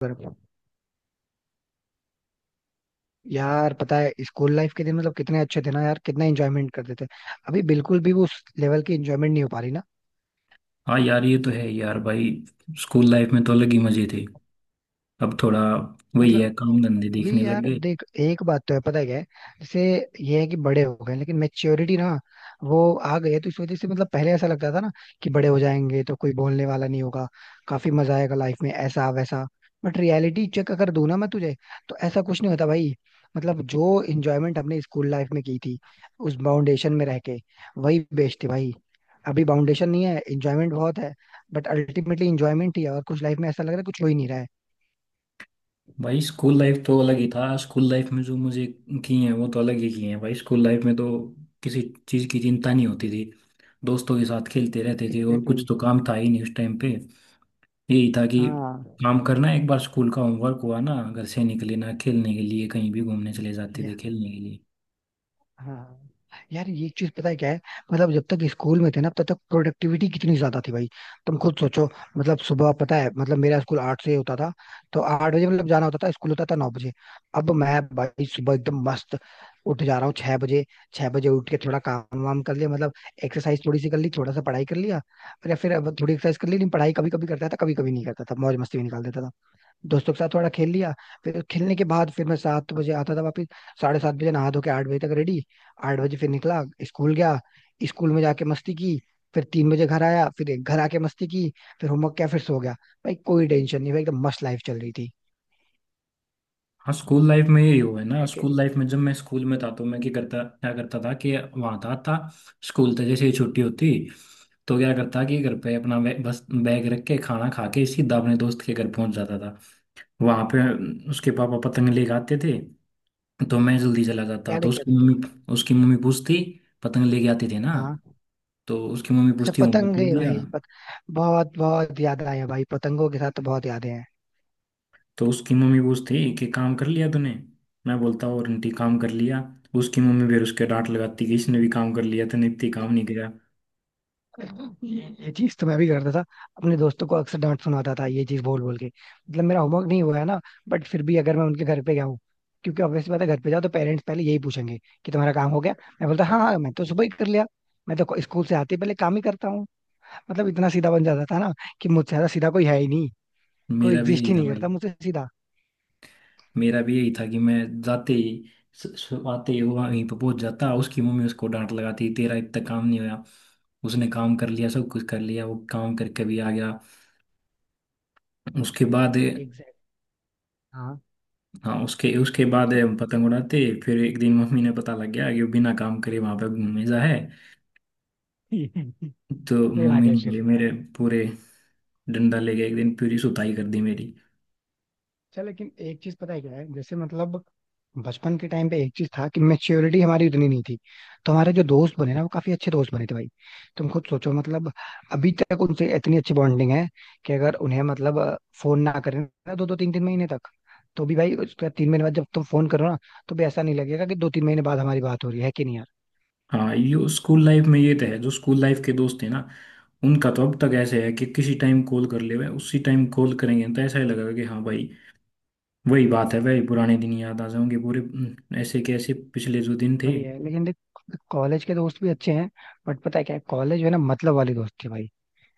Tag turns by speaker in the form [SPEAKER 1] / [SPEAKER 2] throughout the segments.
[SPEAKER 1] पर यार पता है स्कूल लाइफ के दिन मतलब कितने अच्छे थे ना यार। कितना एंजॉयमेंट करते थे। अभी बिल्कुल भी वो उस लेवल की एंजॉयमेंट नहीं हो पा रही ना।
[SPEAKER 2] हाँ यार, ये तो है यार भाई। स्कूल लाइफ में तो अलग ही मजे थे। अब थोड़ा वही है,
[SPEAKER 1] मतलब
[SPEAKER 2] काम धंधे देखने
[SPEAKER 1] अभी
[SPEAKER 2] लग
[SPEAKER 1] यार
[SPEAKER 2] गए।
[SPEAKER 1] देख एक बात तो है पता है क्या है। जैसे ये है कि बड़े हो गए लेकिन मेच्योरिटी ना वो आ गई है। तो इस वजह से मतलब पहले ऐसा लगता था ना कि बड़े हो जाएंगे तो कोई बोलने वाला नहीं होगा, काफी मजा आएगा लाइफ में ऐसा वैसा। बट रियलिटी चेक अगर दूं ना मैं तुझे तो ऐसा कुछ नहीं होता भाई। मतलब जो इंजॉयमेंट हमने स्कूल लाइफ में की थी उस फाउंडेशन में रह के वही बेस्ट थी भाई। अभी फाउंडेशन नहीं है, इंजॉयमेंट बहुत है। बट अल्टीमेटली इंजॉयमेंट ही है और कुछ लाइफ में ऐसा लग रहा है कुछ हो ही नहीं रहा है।
[SPEAKER 2] भाई स्कूल लाइफ तो अलग ही था। स्कूल लाइफ में जो मुझे किए हैं वो तो अलग ही किए हैं। भाई स्कूल लाइफ में तो किसी चीज़ की चिंता नहीं होती थी। दोस्तों के साथ खेलते रहते थे और कुछ
[SPEAKER 1] एग्जैक्टली।
[SPEAKER 2] तो काम था ही नहीं उस टाइम पे। यही था कि
[SPEAKER 1] हाँ।
[SPEAKER 2] काम करना, एक बार स्कूल का होमवर्क हुआ ना, घर से निकले ना, खेलने के लिए कहीं भी घूमने चले जाते थे
[SPEAKER 1] या,
[SPEAKER 2] खेलने के लिए।
[SPEAKER 1] हाँ यार, ये चीज पता है क्या है। मतलब जब तक स्कूल में थे ना तब तक प्रोडक्टिविटी कितनी ज्यादा थी भाई, तुम खुद सोचो। मतलब सुबह पता है मतलब मेरा स्कूल 8 से होता था। तो 8 बजे मतलब जाना होता था, स्कूल होता था 9 बजे। अब मैं भाई सुबह एकदम मस्त उठ जा रहा हूँ 6 बजे। 6 बजे उठ के थोड़ा काम वाम कर लिया मतलब। एक्सरसाइज थोड़ी सी कर ली, थोड़ा सा पढ़ाई कर लिया और या फिर अब थोड़ी एक्सरसाइज कर ली लेकिन पढ़ाई कभी कभी करता था कभी कभी नहीं करता था, मौज मस्ती में निकाल देता था। दोस्तों के साथ थोड़ा खेल लिया। फिर खेलने के बाद फिर मैं 7 बजे आता था वापस। 7:30 बजे नहा धो के 8 बजे तक रेडी। 8 बजे फिर निकला स्कूल गया। स्कूल में जाके मस्ती की। फिर 3 बजे घर आया, फिर एक घर आके मस्ती की। फिर होमवर्क किया फिर सो गया। भाई कोई टेंशन नहीं भाई, एकदम मस्त लाइफ चल रही थी।
[SPEAKER 2] हाँ, स्कूल लाइफ में यही हुआ है ना।
[SPEAKER 1] है कि
[SPEAKER 2] स्कूल लाइफ में जब मैं स्कूल में था तो मैं क्या करता, क्या करता था कि वहाँ था स्कूल था। जैसे ही छुट्टी होती तो क्या करता कि घर पे अपना बस बैग रख के खाना खा के सीधा अपने दोस्त के घर पहुंच जाता था। वहाँ पे उसके पापा पतंग लेके आते थे। तो मैं जल्दी चला जाता
[SPEAKER 1] याद
[SPEAKER 2] तो
[SPEAKER 1] है क्या
[SPEAKER 2] उसकी
[SPEAKER 1] लेके आते थे।
[SPEAKER 2] मम्मी उसकी मम्मी पूछती। पतंग लेके आती थी ना।
[SPEAKER 1] हाँ।
[SPEAKER 2] तो उसकी मम्मी
[SPEAKER 1] अच्छा
[SPEAKER 2] पूछती, होमवर्क
[SPEAKER 1] पतंग
[SPEAKER 2] कर
[SPEAKER 1] है
[SPEAKER 2] दिया।
[SPEAKER 1] भाई बहुत बहुत याद आया भाई, पतंगों के साथ तो बहुत यादें हैं।
[SPEAKER 2] तो उसकी मम्मी पूछती कि काम कर लिया तूने। मैं बोलता, और आंटी काम कर लिया। उसकी मम्मी फिर उसके डांट लगाती कि इसने भी काम कर लिया तूने इतनी काम नहीं किया।
[SPEAKER 1] ये चीज तो मैं भी करता था। अपने दोस्तों को अक्सर डांट सुनाता था ये चीज बोल बोल के, मतलब मेरा होमवर्क नहीं हुआ है ना। बट फिर भी अगर मैं उनके घर पे गया हूँ, क्योंकि ऑब्वियसली बात है घर पे जाओ तो पेरेंट्स पहले यही पूछेंगे कि तुम्हारा काम हो गया। मैं बोलता हाँ हाँ मैं तो सुबह ही कर लिया। मैं तो स्कूल से आते ही पहले काम ही करता हूँ। मतलब इतना सीधा बन जाता था ना कि मुझसे ज्यादा सीधा कोई है ही नहीं। कोई
[SPEAKER 2] मेरा भी
[SPEAKER 1] एग्जिस्ट
[SPEAKER 2] यही
[SPEAKER 1] ही
[SPEAKER 2] था
[SPEAKER 1] नहीं
[SPEAKER 2] भाई।
[SPEAKER 1] करता मुझसे सीधा।
[SPEAKER 2] मेरा भी यही था कि मैं जाते ही आते ही वहीं पर पहुंच जाता। उसकी मम्मी उसको डांट लगाती, तेरा इतना काम नहीं हुआ। उसने काम कर लिया, सब कुछ कर लिया, वो काम करके भी आ गया। उसके बाद,
[SPEAKER 1] एग्जैक्ट। हाँ।
[SPEAKER 2] हाँ, उसके उसके बाद हम पतंग उड़ाते। फिर एक दिन मम्मी ने पता लग गया कि वो बिना काम करे वहां पे घूमे जा है।
[SPEAKER 1] फिर
[SPEAKER 2] तो मम्मी
[SPEAKER 1] आगे
[SPEAKER 2] ने बोली
[SPEAKER 1] फिर।
[SPEAKER 2] मेरे, पूरे डंडा ले गया एक दिन, पूरी सुताई कर दी मेरी।
[SPEAKER 1] अच्छा लेकिन एक चीज पता है क्या है, जैसे मतलब बचपन के टाइम पे एक चीज था कि मेच्योरिटी हमारी उतनी नहीं थी। तो हमारे जो दोस्त बने ना वो काफी अच्छे दोस्त बने थे भाई। तुम खुद सोचो, मतलब अभी तक उनसे इतनी अच्छी बॉन्डिंग है कि अगर उन्हें मतलब फोन ना करें ना दो दो तीन तीन महीने तक, तो भी भाई उसके बाद 3 महीने बाद जब तुम फोन करो ना तो भी ऐसा नहीं लगेगा कि 2-3 महीने बाद हमारी बात हो रही है कि नहीं यार।
[SPEAKER 2] हाँ, ये स्कूल लाइफ में ये तो है। जो स्कूल लाइफ के दोस्त हैं ना, उनका तो अब तक ऐसे है कि किसी टाइम कॉल कर ले उसी टाइम कॉल करेंगे तो ऐसा ही लगेगा कि हाँ भाई, वही बात है, वही पुराने दिन याद आ जाएंगे पूरे। ऐसे कैसे पिछले जो दिन थे।
[SPEAKER 1] वही है लेकिन देख, कॉलेज के दोस्त भी अच्छे हैं। बट पता है क्या है, कॉलेज जो है ना मतलब वाले दोस्त थे भाई।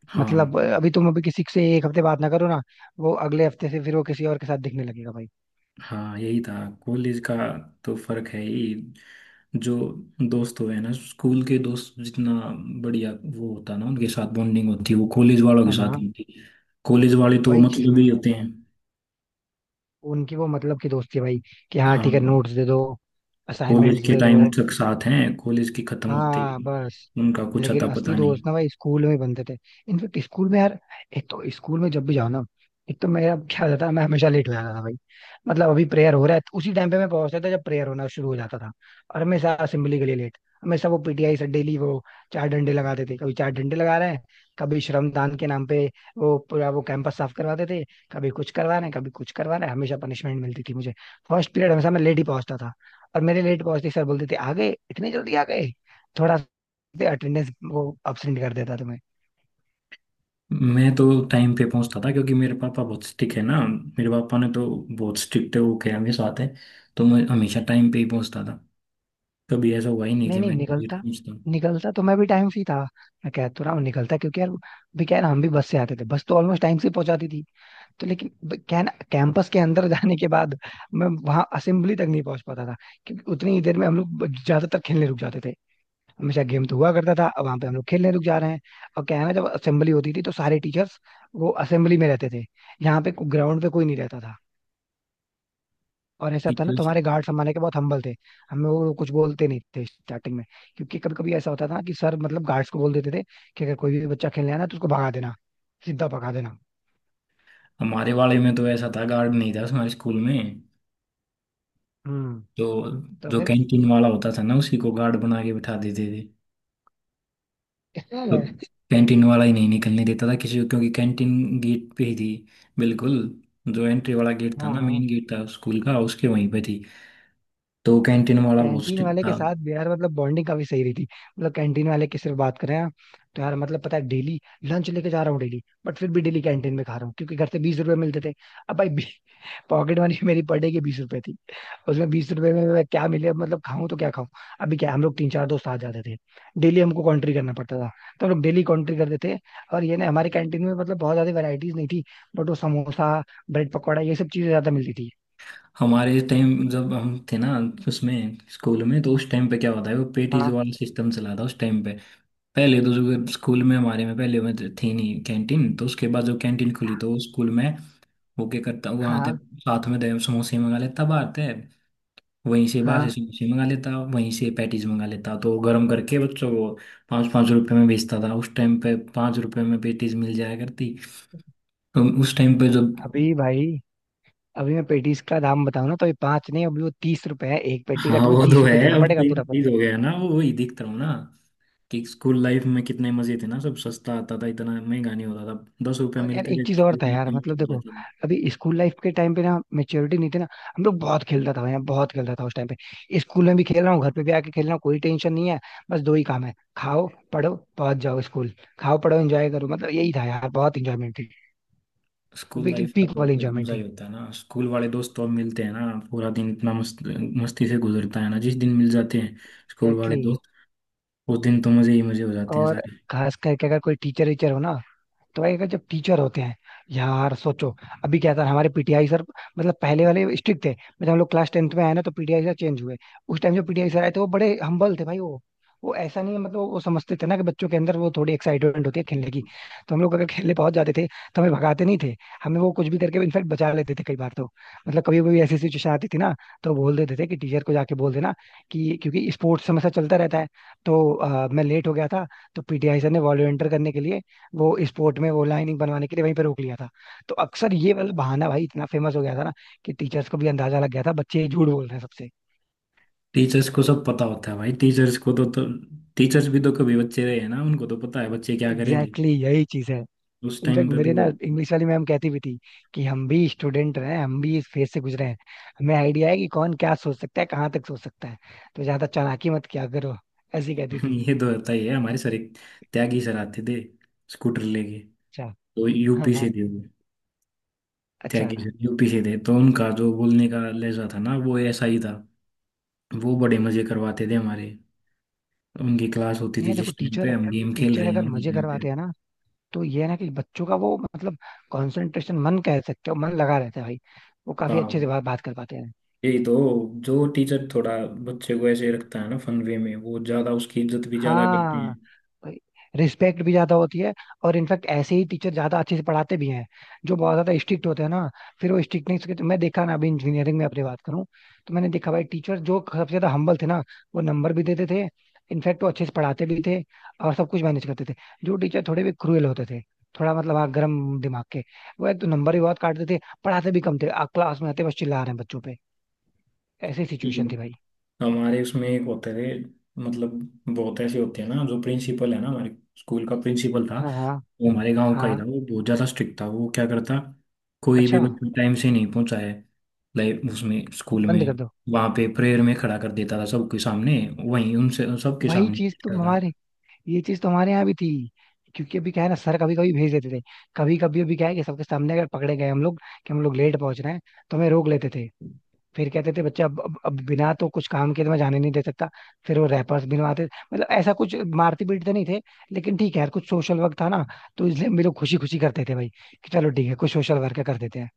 [SPEAKER 2] हाँ,
[SPEAKER 1] मतलब अभी तुम अभी किसी से एक हफ्ते बात ना करो ना, वो अगले हफ्ते से फिर वो किसी और के साथ दिखने लगेगा भाई।
[SPEAKER 2] हाँ, यही था कॉलेज का। तो फर्क है ही। जो दोस्त हुए हैं ना स्कूल के दोस्त, जितना बढ़िया वो होता है ना, उनके साथ बॉन्डिंग होती है वो कॉलेज वालों के
[SPEAKER 1] हाँ
[SPEAKER 2] साथ
[SPEAKER 1] हाँ।
[SPEAKER 2] नहीं होती। कॉलेज वाले तो
[SPEAKER 1] वही चीज
[SPEAKER 2] मतलब
[SPEAKER 1] मैं
[SPEAKER 2] ही
[SPEAKER 1] कह
[SPEAKER 2] होते
[SPEAKER 1] रहा हूँ।
[SPEAKER 2] हैं।
[SPEAKER 1] उनकी वो मतलब की दोस्ती है भाई, कि हाँ
[SPEAKER 2] हाँ,
[SPEAKER 1] ठीक है नोट्स दे दो,
[SPEAKER 2] कॉलेज
[SPEAKER 1] असाइनमेंट्स
[SPEAKER 2] के
[SPEAKER 1] दे
[SPEAKER 2] टाइम अरे
[SPEAKER 1] दो।
[SPEAKER 2] तक साथ हैं, कॉलेज की खत्म होते
[SPEAKER 1] हाँ
[SPEAKER 2] ही
[SPEAKER 1] बस।
[SPEAKER 2] उनका कुछ
[SPEAKER 1] लेकिन
[SPEAKER 2] अता
[SPEAKER 1] असली
[SPEAKER 2] पता नहीं।
[SPEAKER 1] दोस्त ना भाई स्कूल में ही बनते थे। इनफेक्ट स्कूल में यार, एक तो स्कूल में जब भी जाओ ना, एक तो मेरा क्या होता था मैं हमेशा लेट हो जाता था भाई। मतलब अभी प्रेयर हो रहा है उसी टाइम पे मैं पहुंचता था जब प्रेयर होना शुरू हो जाता था। और हमेशा असेंबली के लिए लेट। हमेशा वो पीटीआई से डेली वो चार डंडे लगाते थे, कभी चार डंडे लगा रहे हैं, कभी श्रमदान के नाम पे वो पूरा वो कैंपस साफ करवाते थे। कभी कुछ करवा रहे हैं कभी कुछ करवा रहे हैं, हमेशा पनिशमेंट मिलती थी मुझे। फर्स्ट पीरियड हमेशा मैं लेट ही पहुंचता था। और मेरे लेट पहुंचते ही सर बोलते थे आ गए, इतने जल्दी आ गए। थोड़ा अटेंडेंस वो अब्सेंट कर देता तुम्हें।
[SPEAKER 2] मैं तो टाइम पे पहुंचता था क्योंकि मेरे पापा बहुत स्ट्रिक्ट है ना। मेरे पापा ने तो बहुत स्ट्रिक्ट है, वो क्या हमेशा साथ है। तो मैं हमेशा टाइम पे ही पहुंचता था। कभी ऐसा हुआ ही नहीं
[SPEAKER 1] नहीं
[SPEAKER 2] कि
[SPEAKER 1] नहीं,
[SPEAKER 2] मैं लेट
[SPEAKER 1] निकलता
[SPEAKER 2] पहुंचता।
[SPEAKER 1] निकलता तो मैं भी टाइम से ही था। मैं कह तो रहा हूँ निकलता क्योंकि यार भी क्या है ना, हम भी बस से आते थे, बस तो ऑलमोस्ट टाइम से ही पहुंचाती थी। तो लेकिन क्या है ना कैंपस के अंदर जाने के बाद मैं वहां असेंबली तक नहीं पहुंच पाता था। क्योंकि उतनी ही देर में हम लोग ज्यादातर खेलने रुक जाते थे। हमेशा गेम तो हुआ करता था, अब वहां पे हम लोग खेलने रुक जा रहे हैं। और क्या है ना, जब असेंबली होती थी तो सारे टीचर्स वो असेंबली में रहते थे। यहाँ पे ग्राउंड पे कोई नहीं रहता था। और ऐसा था ना
[SPEAKER 2] टीचर्स।
[SPEAKER 1] तुम्हारे गार्ड्स हमारे के बहुत हम्बल थे। हमें वो कुछ बोलते नहीं थे स्टार्टिंग में। क्योंकि कभी कभी ऐसा होता था कि सर मतलब गार्ड्स को बोल देते थे कि अगर कोई भी बच्चा खेलने आया ना तो उसको भगा देना, सीधा भगा देना।
[SPEAKER 2] हमारे वाले में तो ऐसा था, गार्ड नहीं था हमारे स्कूल में।
[SPEAKER 1] हम्म।
[SPEAKER 2] तो
[SPEAKER 1] तो
[SPEAKER 2] जो
[SPEAKER 1] फिर।
[SPEAKER 2] कैंटीन वाला होता था ना, उसी को गार्ड बना के बिठा देते थे। तो कैंटीन वाला ही नहीं निकलने देता था किसी को, क्योंकि कैंटीन गेट पे ही थी। बिल्कुल, जो एंट्री वाला गेट था ना,
[SPEAKER 1] हाँ।
[SPEAKER 2] मेन गेट था स्कूल का, उसके वहीं पे थी। तो कैंटीन वाला बहुत
[SPEAKER 1] कैंटीन
[SPEAKER 2] स्ट्रिक्ट
[SPEAKER 1] वाले के
[SPEAKER 2] था।
[SPEAKER 1] साथ भी यार मतलब बॉन्डिंग काफी सही रही थी। मतलब कैंटीन वाले की सिर्फ बात करें आप, तो यार मतलब पता है डेली लंच लेके जा रहा हूँ डेली, बट फिर भी डेली कैंटीन में खा रहा हूँ क्योंकि घर से 20 रुपए मिलते थे। अब भाई पॉकेट मनी मेरी पर डे की 20 रुपए थी। उसमें 20 रुपए में मैं क्या मिले मतलब खाऊं तो क्या खाऊं। अभी क्या है, हम लोग तीन चार दोस्त आ जाते थे, डेली हमको कॉन्ट्री करना पड़ता था। तो हम लोग डेली कॉन्ट्री करते थे। और ये ना हमारी कैंटीन में मतलब बहुत ज्यादा वेराइटीज नहीं थी। बट वो समोसा, ब्रेड पकौड़ा ये सब चीजें ज्यादा मिलती थी।
[SPEAKER 2] हमारे टाइम जब हम थे ना, उसमें स्कूल में तो उस टाइम पे क्या होता है, वो पेटीज
[SPEAKER 1] हाँ
[SPEAKER 2] वाला सिस्टम चला था उस टाइम पे। पहले तो जो स्कूल में हमारे में पहले में थी नहीं कैंटीन, तो उसके बाद जो कैंटीन खुली तो स्कूल में, वो क्या करता, वो आते
[SPEAKER 1] हाँ
[SPEAKER 2] साथ में समोसे मंगा लेता बाहर थे। वहीं से बाहर से
[SPEAKER 1] हाँ।
[SPEAKER 2] समोसे मंगा लेता, वहीं से पैटीज मंगा लेता तो गर्म करके बच्चों को पाँच पाँच रुपए में बेचता था उस टाइम पे। पाँच रुपए में पैटीज मिल जाया करती तो उस टाइम पे। जब,
[SPEAKER 1] अभी भाई अभी मैं पेटीज का दाम बताऊं ना तो ये पांच नहीं, अभी वो 30 रुपए है एक पेटी का।
[SPEAKER 2] हाँ,
[SPEAKER 1] तुम्हें
[SPEAKER 2] वो तो
[SPEAKER 1] 30 रुपए
[SPEAKER 2] है।
[SPEAKER 1] देना
[SPEAKER 2] अब तो
[SPEAKER 1] पड़ेगा
[SPEAKER 2] ये
[SPEAKER 1] पूरा पूरा।
[SPEAKER 2] चीज हो गया ना। वो वही दिख रहा हूँ ना कि स्कूल लाइफ में कितने मजे थे ना। सब सस्ता आता था, इतना महंगा नहीं होता था। 10 रुपए
[SPEAKER 1] और यार
[SPEAKER 2] मिलते
[SPEAKER 1] एक
[SPEAKER 2] थे,
[SPEAKER 1] चीज और था
[SPEAKER 2] उसमें
[SPEAKER 1] यार
[SPEAKER 2] इतना
[SPEAKER 1] मतलब
[SPEAKER 2] कुछ हो
[SPEAKER 1] देखो,
[SPEAKER 2] जाता था।
[SPEAKER 1] अभी स्कूल लाइफ के टाइम पे ना मेच्योरिटी नहीं थी ना। हम लोग बहुत खेलता था यार बहुत खेलता था उस टाइम पे, स्कूल में भी खेल रहा हूँ घर पे भी आके खेल रहा हूँ, कोई टेंशन नहीं है। बस दो ही काम है, खाओ पढ़ो पहुंच जाओ स्कूल। खाओ पढ़ो एंजॉय करो, मतलब यही था यार, बहुत इंजॉयमेंट थी। मतलब
[SPEAKER 2] स्कूल
[SPEAKER 1] एकदम
[SPEAKER 2] लाइफ का
[SPEAKER 1] पीक
[SPEAKER 2] तो
[SPEAKER 1] वाली
[SPEAKER 2] अलग
[SPEAKER 1] इंजॉयमेंट
[SPEAKER 2] मजा ही
[SPEAKER 1] थी।
[SPEAKER 2] होता है ना। स्कूल वाले दोस्त तो अब मिलते हैं ना। पूरा दिन इतना मस्त मस्ती से गुजरता है ना जिस दिन मिल जाते हैं स्कूल वाले।
[SPEAKER 1] एग्जैक्टली।
[SPEAKER 2] वो दिन तो मुझे ही मुझे हो जाते हैं
[SPEAKER 1] और
[SPEAKER 2] सारे।
[SPEAKER 1] खास करके अगर कोई टीचर वीचर हो ना तो भाई, अगर जब टीचर होते हैं, यार सोचो। अभी क्या था हमारे पीटीआई सर, मतलब पहले वाले स्ट्रिक्ट थे, मतलब हम लोग क्लास 10th में आए ना तो पीटीआई सर चेंज हुए। उस टाइम जो पीटीआई सर आए थे वो बड़े हम्बल थे भाई। वो ऐसा नहीं है, मतलब वो समझते थे ना कि बच्चों के अंदर वो थोड़ी एक्साइटमेंट होती है खेलने की। तो हम लोग अगर खेलने पहुंच जाते थे तो हमें भगाते नहीं थे। हमें वो कुछ भी करके इनफेक्ट बचा लेते थे कई बार तो। मतलब कभी कभी ऐसी सिचुएशन आती थी ना, तो बोल देते थे कि टीचर को जाके बोल देना कि क्योंकि स्पोर्ट्स हमेशा चलता रहता है, तो मैं लेट हो गया था तो पीटीआई सर ने वॉलंटियर करने के लिए वो स्पोर्ट में वो लाइनिंग बनवाने के लिए वहीं पे रोक लिया था। तो अक्सर ये वाला बहाना भाई इतना फेमस हो गया था ना कि टीचर्स को भी अंदाजा लग गया था बच्चे झूठ बोल रहे हैं सबसे।
[SPEAKER 2] टीचर्स को सब पता होता है भाई। टीचर्स को तो टीचर्स भी तो कभी बच्चे रहे हैं ना, उनको तो पता है बच्चे क्या करेंगे।
[SPEAKER 1] एग्जैक्टली, exactly यही चीज है।
[SPEAKER 2] उस टाइम
[SPEAKER 1] इनफैक्ट
[SPEAKER 2] पे
[SPEAKER 1] मेरे ना
[SPEAKER 2] तो।
[SPEAKER 1] इंग्लिश वाली मैम कहती भी थी कि हम भी स्टूडेंट रहे हैं, हम भी इस फेज से गुजरे हैं, हमें आइडिया है कि कौन क्या सोच सकता है कहाँ तक सोच सकता है, तो ज्यादा चालाकी मत किया करो। ऐसी कहती थी।
[SPEAKER 2] ये तो होता ही है। हमारे सर एक, त्यागी सर आते थे स्कूटर लेके।
[SPEAKER 1] अच्छा।
[SPEAKER 2] तो
[SPEAKER 1] हाँ
[SPEAKER 2] यूपी
[SPEAKER 1] हाँ।
[SPEAKER 2] से थे वो।
[SPEAKER 1] अच्छा।
[SPEAKER 2] त्यागी सर यूपी से थे तो उनका जो बोलने का लहजा था ना वो ऐसा ही था। वो बड़े मजे करवाते थे हमारे। उनकी क्लास होती थी
[SPEAKER 1] नहीं देखो
[SPEAKER 2] जिस टाइम पे
[SPEAKER 1] टीचर,
[SPEAKER 2] हम गेम खेल
[SPEAKER 1] टीचर
[SPEAKER 2] रहे हैं
[SPEAKER 1] अगर
[SPEAKER 2] उनके
[SPEAKER 1] मजे
[SPEAKER 2] टाइम
[SPEAKER 1] करवाते हैं ना तो ये है ना कि बच्चों का वो मतलब कंसंट्रेशन, मन कह सकते हो, मन लगा रहता है भाई। वो
[SPEAKER 2] पे।
[SPEAKER 1] काफी
[SPEAKER 2] हाँ।
[SPEAKER 1] अच्छे से बात कर पाते हैं।
[SPEAKER 2] यही तो, जो टीचर थोड़ा बच्चे को ऐसे रखता है ना फन वे में, वो ज्यादा उसकी इज्जत भी ज्यादा करते
[SPEAKER 1] हाँ,
[SPEAKER 2] हैं।
[SPEAKER 1] रिस्पेक्ट भी ज्यादा होती है। और इनफैक्ट ऐसे ही टीचर ज्यादा अच्छे से पढ़ाते भी हैं। जो बहुत ज्यादा स्ट्रिक्ट होते हैं ना, फिर वो स्ट्रिक्टनेस के मैं देखा ना, अभी इंजीनियरिंग में अपनी बात करूँ तो मैंने देखा भाई टीचर जो सबसे ज्यादा हम्बल थे ना, वो नंबर भी देते थे। इनफैक्ट वो अच्छे से पढ़ाते भी थे और सब कुछ मैनेज करते थे। जो टीचर थोड़े भी क्रूएल होते थे, थोड़ा मतलब हाँ गर्म दिमाग के, वो एक तो नंबर भी बहुत काटते थे, पढ़ाते भी कम थे, क्लास में आते बस चिल्ला रहे हैं बच्चों पे। ऐसी
[SPEAKER 2] ये
[SPEAKER 1] सिचुएशन थी भाई।
[SPEAKER 2] हमारे उसमें एक होते थे, मतलब बहुत ऐसे होते हैं ना, जो प्रिंसिपल है ना, हमारे स्कूल का प्रिंसिपल था,
[SPEAKER 1] हाँ हाँ
[SPEAKER 2] वो हमारे गांव का ही था।
[SPEAKER 1] हाँ।
[SPEAKER 2] वो बहुत ज्यादा स्ट्रिक्ट था। वो क्या करता, कोई भी
[SPEAKER 1] अच्छा।
[SPEAKER 2] बच्चा टाइम से नहीं पहुंचा है लाइक उसमें स्कूल
[SPEAKER 1] बंद कर
[SPEAKER 2] में,
[SPEAKER 1] दो।
[SPEAKER 2] वहां पे प्रेयर में खड़ा कर देता था सबके सामने। वहीं उनसे सबके
[SPEAKER 1] वही
[SPEAKER 2] सामने
[SPEAKER 1] चीज
[SPEAKER 2] पीटता
[SPEAKER 1] तुम
[SPEAKER 2] था।
[SPEAKER 1] हमारे, ये चीज तो हमारे यहाँ भी थी। क्योंकि अभी क्या है ना सर कभी कभी भेज देते थे। कभी कभी अभी क्या है कि सबके सामने अगर पकड़े गए हम लोग कि हम लोग लेट पहुंच रहे हैं, तो हमें रोक लेते थे। फिर कहते थे बच्चा अब बिना तो कुछ काम किए तो मैं जाने नहीं दे सकता। फिर वो रैपर्स बनवाते, मतलब ऐसा कुछ मारते पीटते नहीं थे। लेकिन ठीक है यार, कुछ सोशल वर्क था ना तो इसलिए हम भी लोग खुशी खुशी करते थे भाई कि चलो ठीक है कुछ सोशल वर्क कर देते हैं।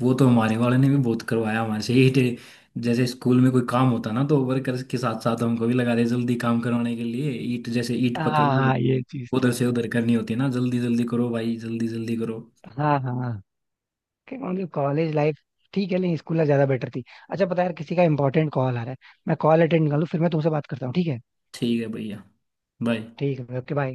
[SPEAKER 2] वो तो हमारे वाले ने भी बहुत करवाया। हमारे से ही जैसे स्कूल में कोई काम होता ना तो वर्कर के साथ साथ हमको भी लगा दे जल्दी काम करवाने के लिए। ईट, जैसे ईट पकड़,
[SPEAKER 1] हाँ
[SPEAKER 2] वो
[SPEAKER 1] हाँ
[SPEAKER 2] होती,
[SPEAKER 1] ये चीज तो
[SPEAKER 2] उधर
[SPEAKER 1] है।
[SPEAKER 2] से उधर करनी होती है ना, जल्दी जल्दी करो भाई, जल्दी जल्दी करो।
[SPEAKER 1] हाँ हाँ। कि मतलब कॉलेज लाइफ ठीक है लेकिन स्कूल लाइफ ज्यादा बेटर थी। अच्छा पता है यार किसी का इंपॉर्टेंट कॉल आ रहा है, मैं कॉल अटेंड कर लूँ फिर मैं तुमसे बात करता हूँ, ठीक है।
[SPEAKER 2] ठीक है भैया, बाय।
[SPEAKER 1] ठीक है ओके बाय।